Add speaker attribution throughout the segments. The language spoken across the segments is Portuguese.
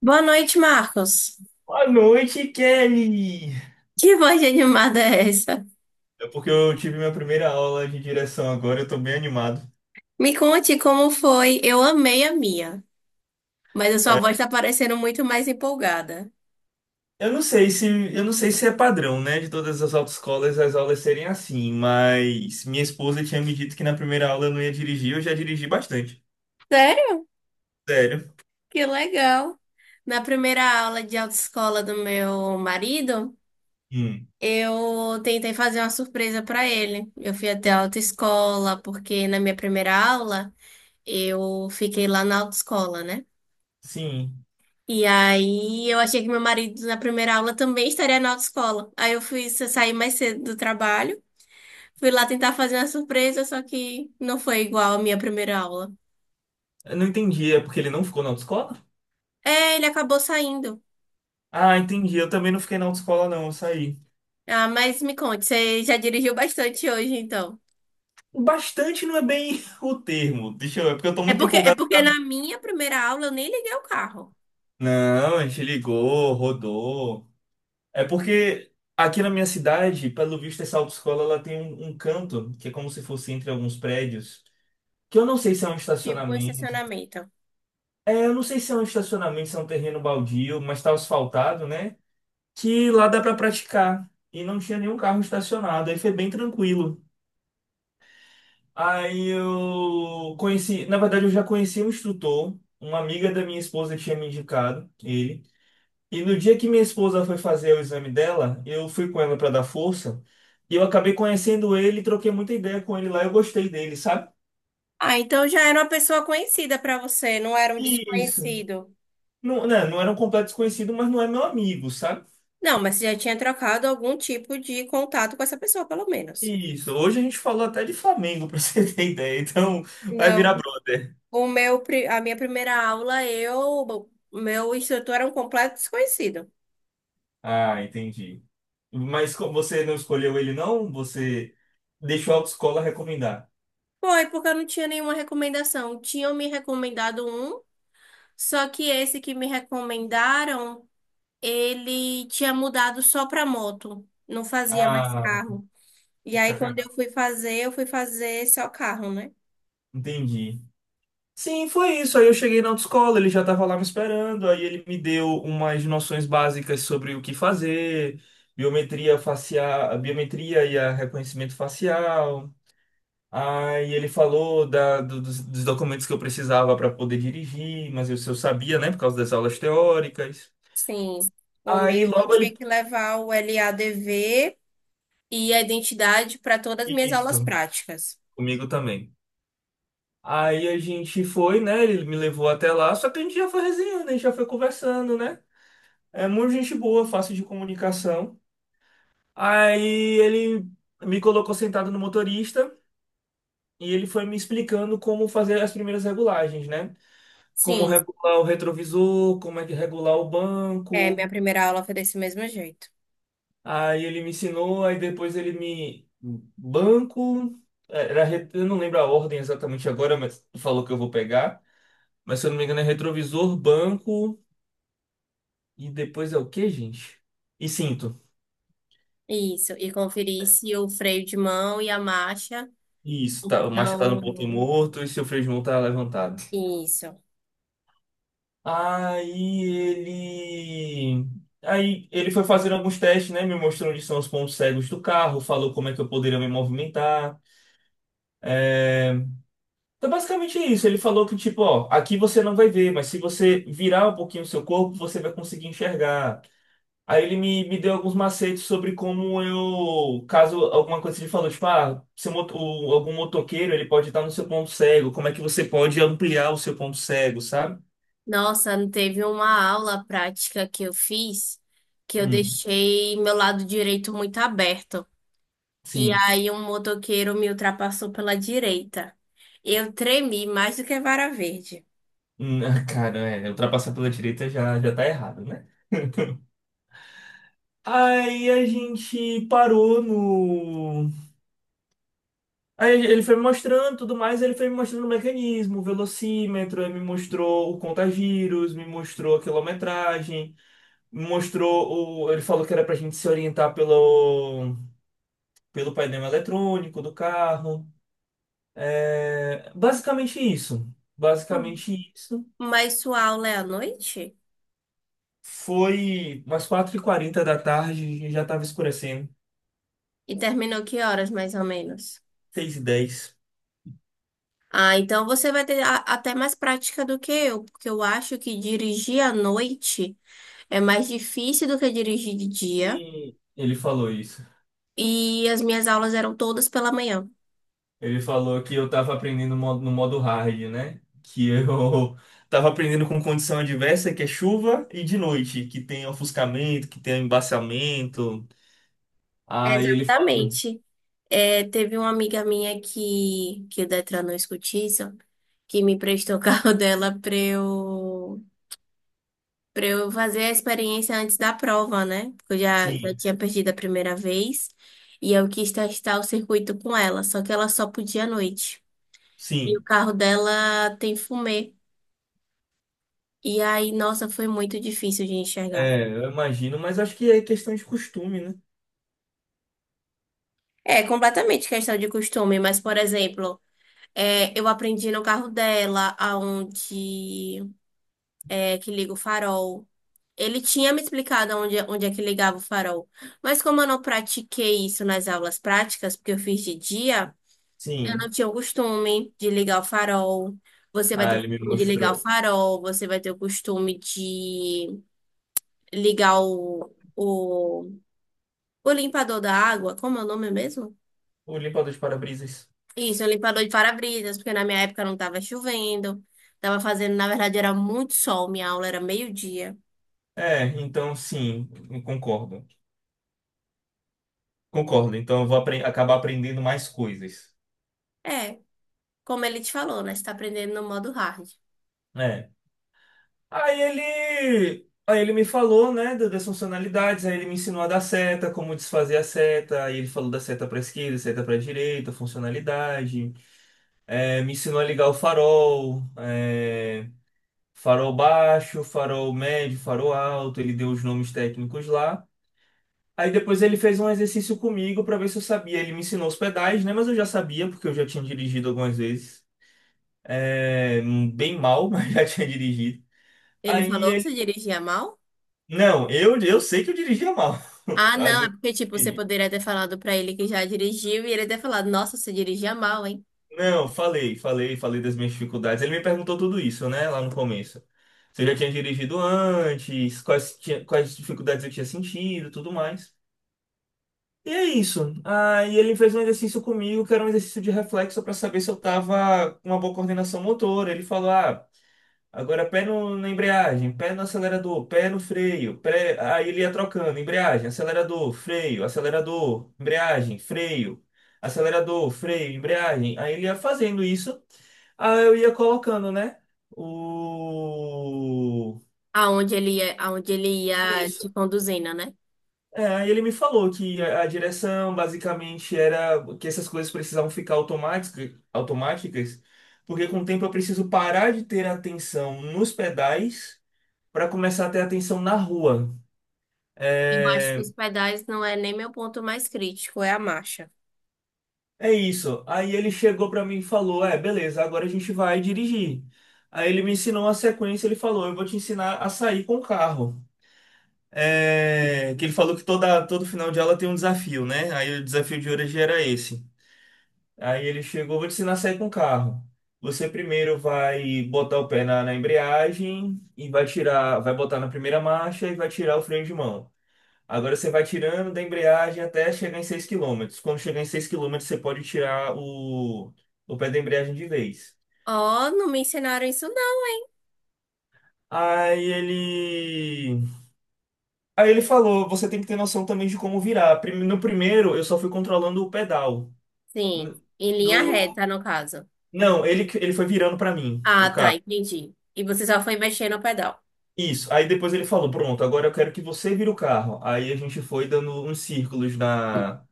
Speaker 1: Boa noite, Marcos.
Speaker 2: Boa noite, Kelly!
Speaker 1: Que voz de animada é essa?
Speaker 2: É porque eu tive minha primeira aula de direção agora, eu tô bem animado.
Speaker 1: Me conte como foi. Eu amei a minha, mas a sua voz tá parecendo muito mais empolgada.
Speaker 2: Eu não sei se, eu não sei se é padrão, né, de todas as autoescolas as aulas serem assim, mas minha esposa tinha me dito que na primeira aula eu não ia dirigir, eu já dirigi bastante.
Speaker 1: Sério?
Speaker 2: Sério?
Speaker 1: Que legal. Na primeira aula de autoescola do meu marido,
Speaker 2: Hum.
Speaker 1: eu tentei fazer uma surpresa pra ele. Eu fui até a autoescola, porque na minha primeira aula, eu fiquei lá na autoescola, né?
Speaker 2: Sim.
Speaker 1: E aí eu achei que meu marido na primeira aula também estaria na autoescola. Aí eu fui sair mais cedo do trabalho. Fui lá tentar fazer uma surpresa, só que não foi igual à minha primeira aula.
Speaker 2: Eu não entendi, é porque ele não ficou na autoescola?
Speaker 1: É, ele acabou saindo.
Speaker 2: Ah, entendi. Eu também não fiquei na autoescola, não, eu saí.
Speaker 1: Ah, mas me conte, você já dirigiu bastante hoje, então.
Speaker 2: Bastante não é bem o termo. Deixa eu ver, porque eu tô
Speaker 1: É
Speaker 2: muito
Speaker 1: porque, é
Speaker 2: empolgado.
Speaker 1: porque na minha primeira aula eu nem liguei o carro.
Speaker 2: Não, a gente ligou, rodou. É porque aqui na minha cidade, pelo visto, essa autoescola ela tem um canto que é como se fosse entre alguns prédios, que eu não sei se é um
Speaker 1: Tipo, o
Speaker 2: estacionamento.
Speaker 1: estacionamento.
Speaker 2: É, eu não sei se é um estacionamento, se é um terreno baldio, mas tá asfaltado, né? Que lá dá pra praticar. E não tinha nenhum carro estacionado, aí foi bem tranquilo. Aí eu conheci, na verdade, eu já conheci um instrutor, uma amiga da minha esposa tinha me indicado ele. E no dia que minha esposa foi fazer o exame dela, eu fui com ela para dar força. E eu acabei conhecendo ele, troquei muita ideia com ele lá, eu gostei dele, sabe?
Speaker 1: Ah, então já era uma pessoa conhecida pra você, não era um
Speaker 2: Isso.
Speaker 1: desconhecido.
Speaker 2: Não, né, não era um completo desconhecido, mas não é meu amigo, sabe?
Speaker 1: Não, mas você já tinha trocado algum tipo de contato com essa pessoa, pelo menos.
Speaker 2: Isso. Hoje a gente falou até de Flamengo, pra você ter ideia. Então, vai virar
Speaker 1: Não,
Speaker 2: brother.
Speaker 1: a minha primeira aula, o meu instrutor era um completo desconhecido.
Speaker 2: Ah, entendi. Mas você não escolheu ele, não? Você deixou a autoescola recomendar.
Speaker 1: Foi, porque eu não tinha nenhuma recomendação. Tinham me recomendado um, só que esse que me recomendaram, ele tinha mudado só para moto, não fazia mais
Speaker 2: Ah,
Speaker 1: carro. E aí, quando
Speaker 2: sacanagem.
Speaker 1: eu fui fazer só carro, né?
Speaker 2: Entendi. Sim, foi isso. Aí eu cheguei na autoescola, ele já estava lá me esperando, aí ele me deu umas noções básicas sobre o que fazer, biometria facial, a biometria e a reconhecimento facial. Aí ele falou dos documentos que eu precisava para poder dirigir, mas eu sabia, né, por causa das aulas teóricas.
Speaker 1: Sim. O
Speaker 2: Aí
Speaker 1: meu eu
Speaker 2: logo ele.
Speaker 1: tinha que levar o LADV e a identidade para todas as minhas aulas
Speaker 2: Isso,
Speaker 1: práticas.
Speaker 2: comigo também. Aí a gente foi, né? Ele me levou até lá, só que a gente já foi resenhando, a gente já foi conversando, né? É muito gente boa, fácil de comunicação. Aí ele me colocou sentado no motorista e ele foi me explicando como fazer as primeiras regulagens, né? Como
Speaker 1: Sim,
Speaker 2: regular o retrovisor, como é que regular o
Speaker 1: é,
Speaker 2: banco.
Speaker 1: minha primeira aula foi desse mesmo jeito.
Speaker 2: Aí ele me ensinou, aí depois ele me. Banco. É, era... Eu não lembro a ordem exatamente agora, mas falou que eu vou pegar. Mas se eu não me engano é retrovisor, banco e depois é o quê, gente? E cinto.
Speaker 1: Isso, e conferir se o freio de mão e a marcha.
Speaker 2: Isso, tá, o macho tá no
Speaker 1: Não.
Speaker 2: ponto morto e seu freio de mão tá levantado.
Speaker 1: Isso.
Speaker 2: Aí ele. Aí ele foi fazer alguns testes, né? Me mostrou onde são os pontos cegos do carro, falou como é que eu poderia me movimentar. É... Então, basicamente é isso. Ele falou que, tipo, ó, aqui você não vai ver, mas se você virar um pouquinho o seu corpo, você vai conseguir enxergar. Aí ele me deu alguns macetes sobre como eu. Caso alguma coisa ele falou, tipo, ah, seu algum motoqueiro ele pode estar no seu ponto cego, como é que você pode ampliar o seu ponto cego, sabe?
Speaker 1: Nossa, teve uma aula prática que eu fiz que eu
Speaker 2: Hum,
Speaker 1: deixei meu lado direito muito aberto. E
Speaker 2: sim.
Speaker 1: aí um motoqueiro me ultrapassou pela direita. Eu tremi mais do que vara verde.
Speaker 2: Ah, cara, é, ultrapassar pela direita já, já tá errado, né? Aí a gente parou no. Aí ele foi me mostrando tudo mais, ele foi me mostrando o mecanismo, o velocímetro, ele me mostrou o contagiros, me mostrou a quilometragem, me mostrou o. Ele falou que era pra gente se orientar pelo, pelo painel eletrônico do carro. É... Basicamente isso. Basicamente isso.
Speaker 1: Mas sua aula é à noite?
Speaker 2: Foi umas 4h40 da tarde e já estava escurecendo.
Speaker 1: E terminou que horas, mais ou menos?
Speaker 2: 6h10.
Speaker 1: Ah, então você vai ter até mais prática do que eu, porque eu acho que dirigir à noite é mais difícil do que dirigir de dia.
Speaker 2: E ele falou isso.
Speaker 1: E as minhas aulas eram todas pela manhã.
Speaker 2: Ele falou que eu tava aprendendo no modo hard, né? Que eu tava aprendendo com condição adversa, que é chuva, e de noite, que tem ofuscamento, que tem embaciamento. Aí ele falou,
Speaker 1: Exatamente. É, teve uma amiga minha que o Detran não escutiça, que me prestou o carro dela pra eu fazer a experiência antes da prova, né? Porque já
Speaker 2: sim,
Speaker 1: tinha perdido a primeira vez e eu quis testar o circuito com ela, só que ela só podia à noite. E o
Speaker 2: sim.
Speaker 1: carro dela tem fumê. E aí, nossa, foi muito difícil de enxergar.
Speaker 2: É, eu imagino, mas acho que é questão de costume, né?
Speaker 1: É completamente questão de costume, mas, por exemplo, é, eu aprendi no carro dela, aonde. É, que liga o farol. Ele tinha me explicado onde é que ligava o farol. Mas como eu não pratiquei isso nas aulas práticas, porque eu fiz de dia, eu não
Speaker 2: Sim.
Speaker 1: tinha o costume de ligar o farol. Você vai
Speaker 2: Ah,
Speaker 1: ter o
Speaker 2: ele me
Speaker 1: costume de ligar o
Speaker 2: mostrou.
Speaker 1: farol, você vai ter o costume de ligar o limpador da água. Como é o nome mesmo?
Speaker 2: O limpador de para-brisas.
Speaker 1: Isso, o limpador de para-brisas, porque na minha época não estava chovendo. Estava fazendo, na verdade, era muito sol, minha aula era meio-dia.
Speaker 2: É, então sim, eu concordo. Concordo, então eu vou acabar aprendendo mais coisas.
Speaker 1: É. Como ele te falou, né? Você tá aprendendo no modo hard.
Speaker 2: É. Aí ele me falou, né, das funcionalidades, aí ele me ensinou a dar seta, como desfazer a seta, aí ele falou da seta para esquerda, seta para direita, funcionalidade, é, me ensinou a ligar o farol, é, farol baixo, farol médio, farol alto, ele deu os nomes técnicos lá. Aí depois ele fez um exercício comigo para ver se eu sabia. Ele me ensinou os pedais, né, mas eu já sabia porque eu já tinha dirigido algumas vezes, é, bem mal, mas já tinha dirigido.
Speaker 1: Ele falou que
Speaker 2: Aí
Speaker 1: você dirigia mal?
Speaker 2: não, eu sei que eu dirigia mal.
Speaker 1: Ah,
Speaker 2: Às
Speaker 1: não, é
Speaker 2: vezes
Speaker 1: porque, tipo,
Speaker 2: eu
Speaker 1: você
Speaker 2: dirigi.
Speaker 1: poderia ter falado pra ele que já dirigiu e ele ter falado, nossa, você dirigia mal, hein?
Speaker 2: Não, falei, falei, falei das minhas dificuldades. Ele me perguntou tudo isso, né, lá no começo. Se eu já tinha dirigido antes, quais dificuldades eu tinha sentido, tudo mais. E é isso. Aí ele fez um exercício comigo, que era um exercício de reflexo para saber se eu tava com uma boa coordenação motora. Ele falou, ah, agora pé no, na embreagem, pé no acelerador, pé no freio, pé... aí ele ia trocando, embreagem, acelerador, freio, acelerador, embreagem, freio, acelerador, freio, embreagem. Aí ele ia fazendo isso, aí eu ia colocando, né? O...
Speaker 1: Aonde ele ia
Speaker 2: Isso.
Speaker 1: te conduzindo, né?
Speaker 2: É, aí ele me falou que a direção basicamente era que essas coisas precisavam ficar automática, automáticas, porque com o tempo eu preciso parar de ter atenção nos pedais para começar a ter atenção na rua.
Speaker 1: Eu acho que
Speaker 2: É,
Speaker 1: os pedais não é nem meu ponto mais crítico, é a marcha.
Speaker 2: é isso. Aí ele chegou para mim e falou: é, beleza, agora a gente vai dirigir. Aí ele me ensinou a sequência, ele falou: eu vou te ensinar a sair com o carro. É, que ele falou que toda, todo final de aula tem um desafio, né? Aí o desafio de hoje era esse. Aí ele chegou: vou te ensinar a sair com o carro. Você primeiro vai botar o pé na embreagem e vai tirar, vai botar na primeira marcha e vai tirar o freio de mão. Agora você vai tirando da embreagem até chegar em 6 km/h. Quando chegar em 6 km/h você pode tirar o pé da embreagem de vez.
Speaker 1: Oh, não me ensinaram isso, não, hein?
Speaker 2: Aí ele. Aí ele falou: você tem que ter noção também de como virar. No primeiro, eu só fui controlando o pedal.
Speaker 1: Sim,
Speaker 2: No...
Speaker 1: em linha
Speaker 2: no-
Speaker 1: reta, no caso.
Speaker 2: não, ele foi virando pra mim o
Speaker 1: Ah, tá,
Speaker 2: carro.
Speaker 1: entendi. E você só foi mexer no pedal.
Speaker 2: Isso. Aí depois ele falou: pronto, agora eu quero que você vire o carro. Aí a gente foi dando uns círculos na...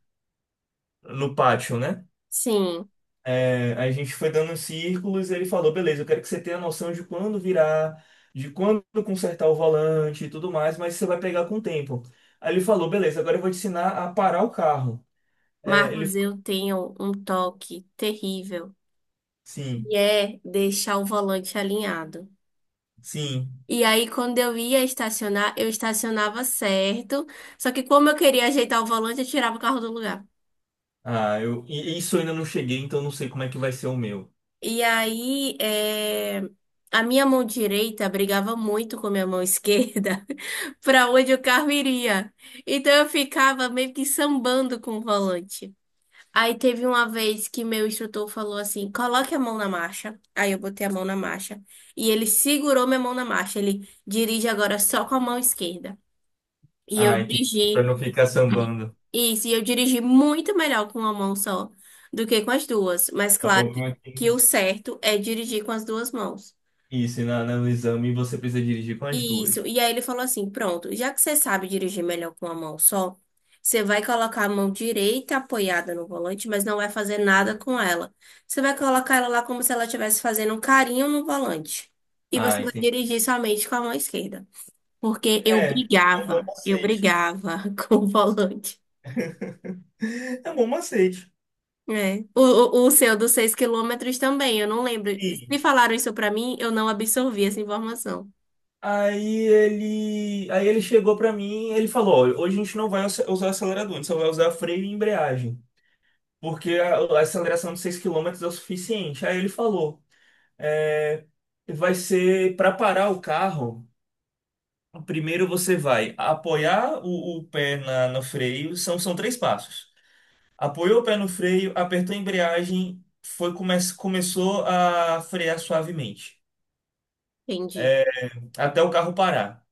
Speaker 2: no pátio, né?
Speaker 1: Sim,
Speaker 2: É, a gente foi dando uns círculos e ele falou, beleza, eu quero que você tenha noção de quando virar, de quando consertar o volante e tudo mais, mas você vai pegar com o tempo. Aí ele falou, beleza, agora eu vou te ensinar a parar o carro. É, ele
Speaker 1: Marcos,
Speaker 2: falou,
Speaker 1: eu tenho um toque terrível. E
Speaker 2: sim,
Speaker 1: é deixar o volante alinhado.
Speaker 2: sim.
Speaker 1: E aí, quando eu ia estacionar, eu estacionava certo. Só que como eu queria ajeitar o volante, eu tirava o carro do lugar.
Speaker 2: Ah, eu, e isso eu ainda não cheguei, então não sei como é que vai ser o meu.
Speaker 1: E aí, é, a minha mão direita brigava muito com a minha mão esquerda para onde o carro iria. Então eu ficava meio que sambando com o volante. Aí teve uma vez que meu instrutor falou assim: coloque a mão na marcha. Aí eu botei a mão na marcha. E ele segurou minha mão na marcha. Ele dirige agora só com a mão esquerda. E eu
Speaker 2: Ah, entendi. Pra
Speaker 1: dirigi,
Speaker 2: não ficar sambando.
Speaker 1: isso, e eu dirigi muito melhor com uma mão só do que com as duas. Mas
Speaker 2: É, o
Speaker 1: claro
Speaker 2: problema é que
Speaker 1: que o certo é dirigir com as duas mãos.
Speaker 2: isso, e na, no exame você precisa dirigir com as duas.
Speaker 1: Isso. E aí ele falou assim: pronto, já que você sabe dirigir melhor com a mão só, você vai colocar a mão direita apoiada no volante, mas não vai fazer nada com ela. Você vai colocar ela lá como se ela estivesse fazendo um carinho no volante. E
Speaker 2: Ah,
Speaker 1: você vai
Speaker 2: entendi.
Speaker 1: dirigir somente com a mão esquerda. Porque
Speaker 2: É, é um bom
Speaker 1: eu
Speaker 2: macete.
Speaker 1: brigava com o volante.
Speaker 2: É um bom macete.
Speaker 1: É. O seu dos 6 km também, eu não lembro. Se falaram isso pra mim, eu não absorvi essa informação.
Speaker 2: Aí ele chegou pra mim, e ele falou, "Olha, hoje a gente não vai usar acelerador, a gente só vai usar freio e embreagem, porque a aceleração de 6 km/h é o suficiente. Aí ele falou, "É, vai ser para parar o carro, primeiro você vai apoiar o pé na, no freio, são três passos. Apoiou o pé no freio, apertou a embreagem, começou a frear suavemente,
Speaker 1: Entendi,
Speaker 2: é, até o carro parar.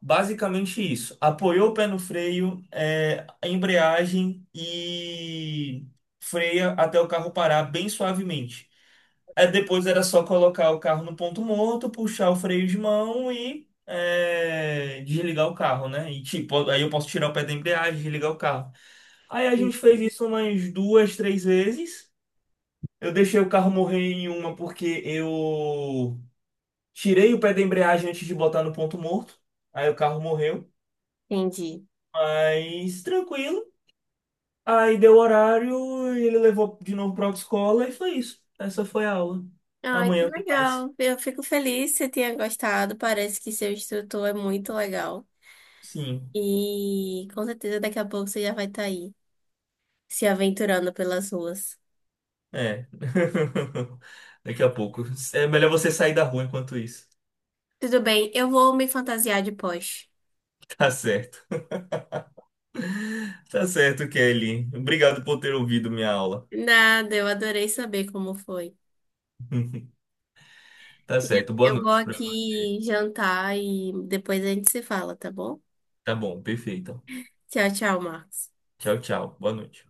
Speaker 2: Basicamente isso. Apoiou o pé no freio, é, a embreagem e freia até o carro parar bem suavemente. Aí depois era só colocar o carro no ponto morto, puxar o freio de mão e é, desligar o carro, né? E tipo, aí eu posso tirar o pé da embreagem, desligar o carro. Aí a gente fez isso umas duas, três vezes. Eu deixei o carro morrer em uma porque eu tirei o pé da embreagem antes de botar no ponto morto. Aí o carro morreu.
Speaker 1: entendi.
Speaker 2: Mas tranquilo. Aí deu horário, ele levou de novo para a escola e foi isso. Essa foi a aula.
Speaker 1: Ai, que
Speaker 2: Amanhã tem mais.
Speaker 1: legal. Eu fico feliz que você tenha gostado. Parece que seu instrutor é muito legal.
Speaker 2: Sim,
Speaker 1: E com certeza daqui a pouco você já vai estar aí, se aventurando pelas ruas.
Speaker 2: é. Daqui a pouco. É melhor você sair da rua enquanto isso.
Speaker 1: Tudo bem, eu vou me fantasiar de Porsche.
Speaker 2: Tá certo. Tá certo, Kelly. Obrigado por ter ouvido minha aula.
Speaker 1: Nada, eu adorei saber como foi.
Speaker 2: Tá
Speaker 1: E
Speaker 2: certo. Boa
Speaker 1: eu vou
Speaker 2: noite pra você.
Speaker 1: aqui jantar e depois a gente se fala, tá bom?
Speaker 2: Tá bom, perfeito.
Speaker 1: Tchau, tchau, Marcos.
Speaker 2: Tchau, tchau. Boa noite.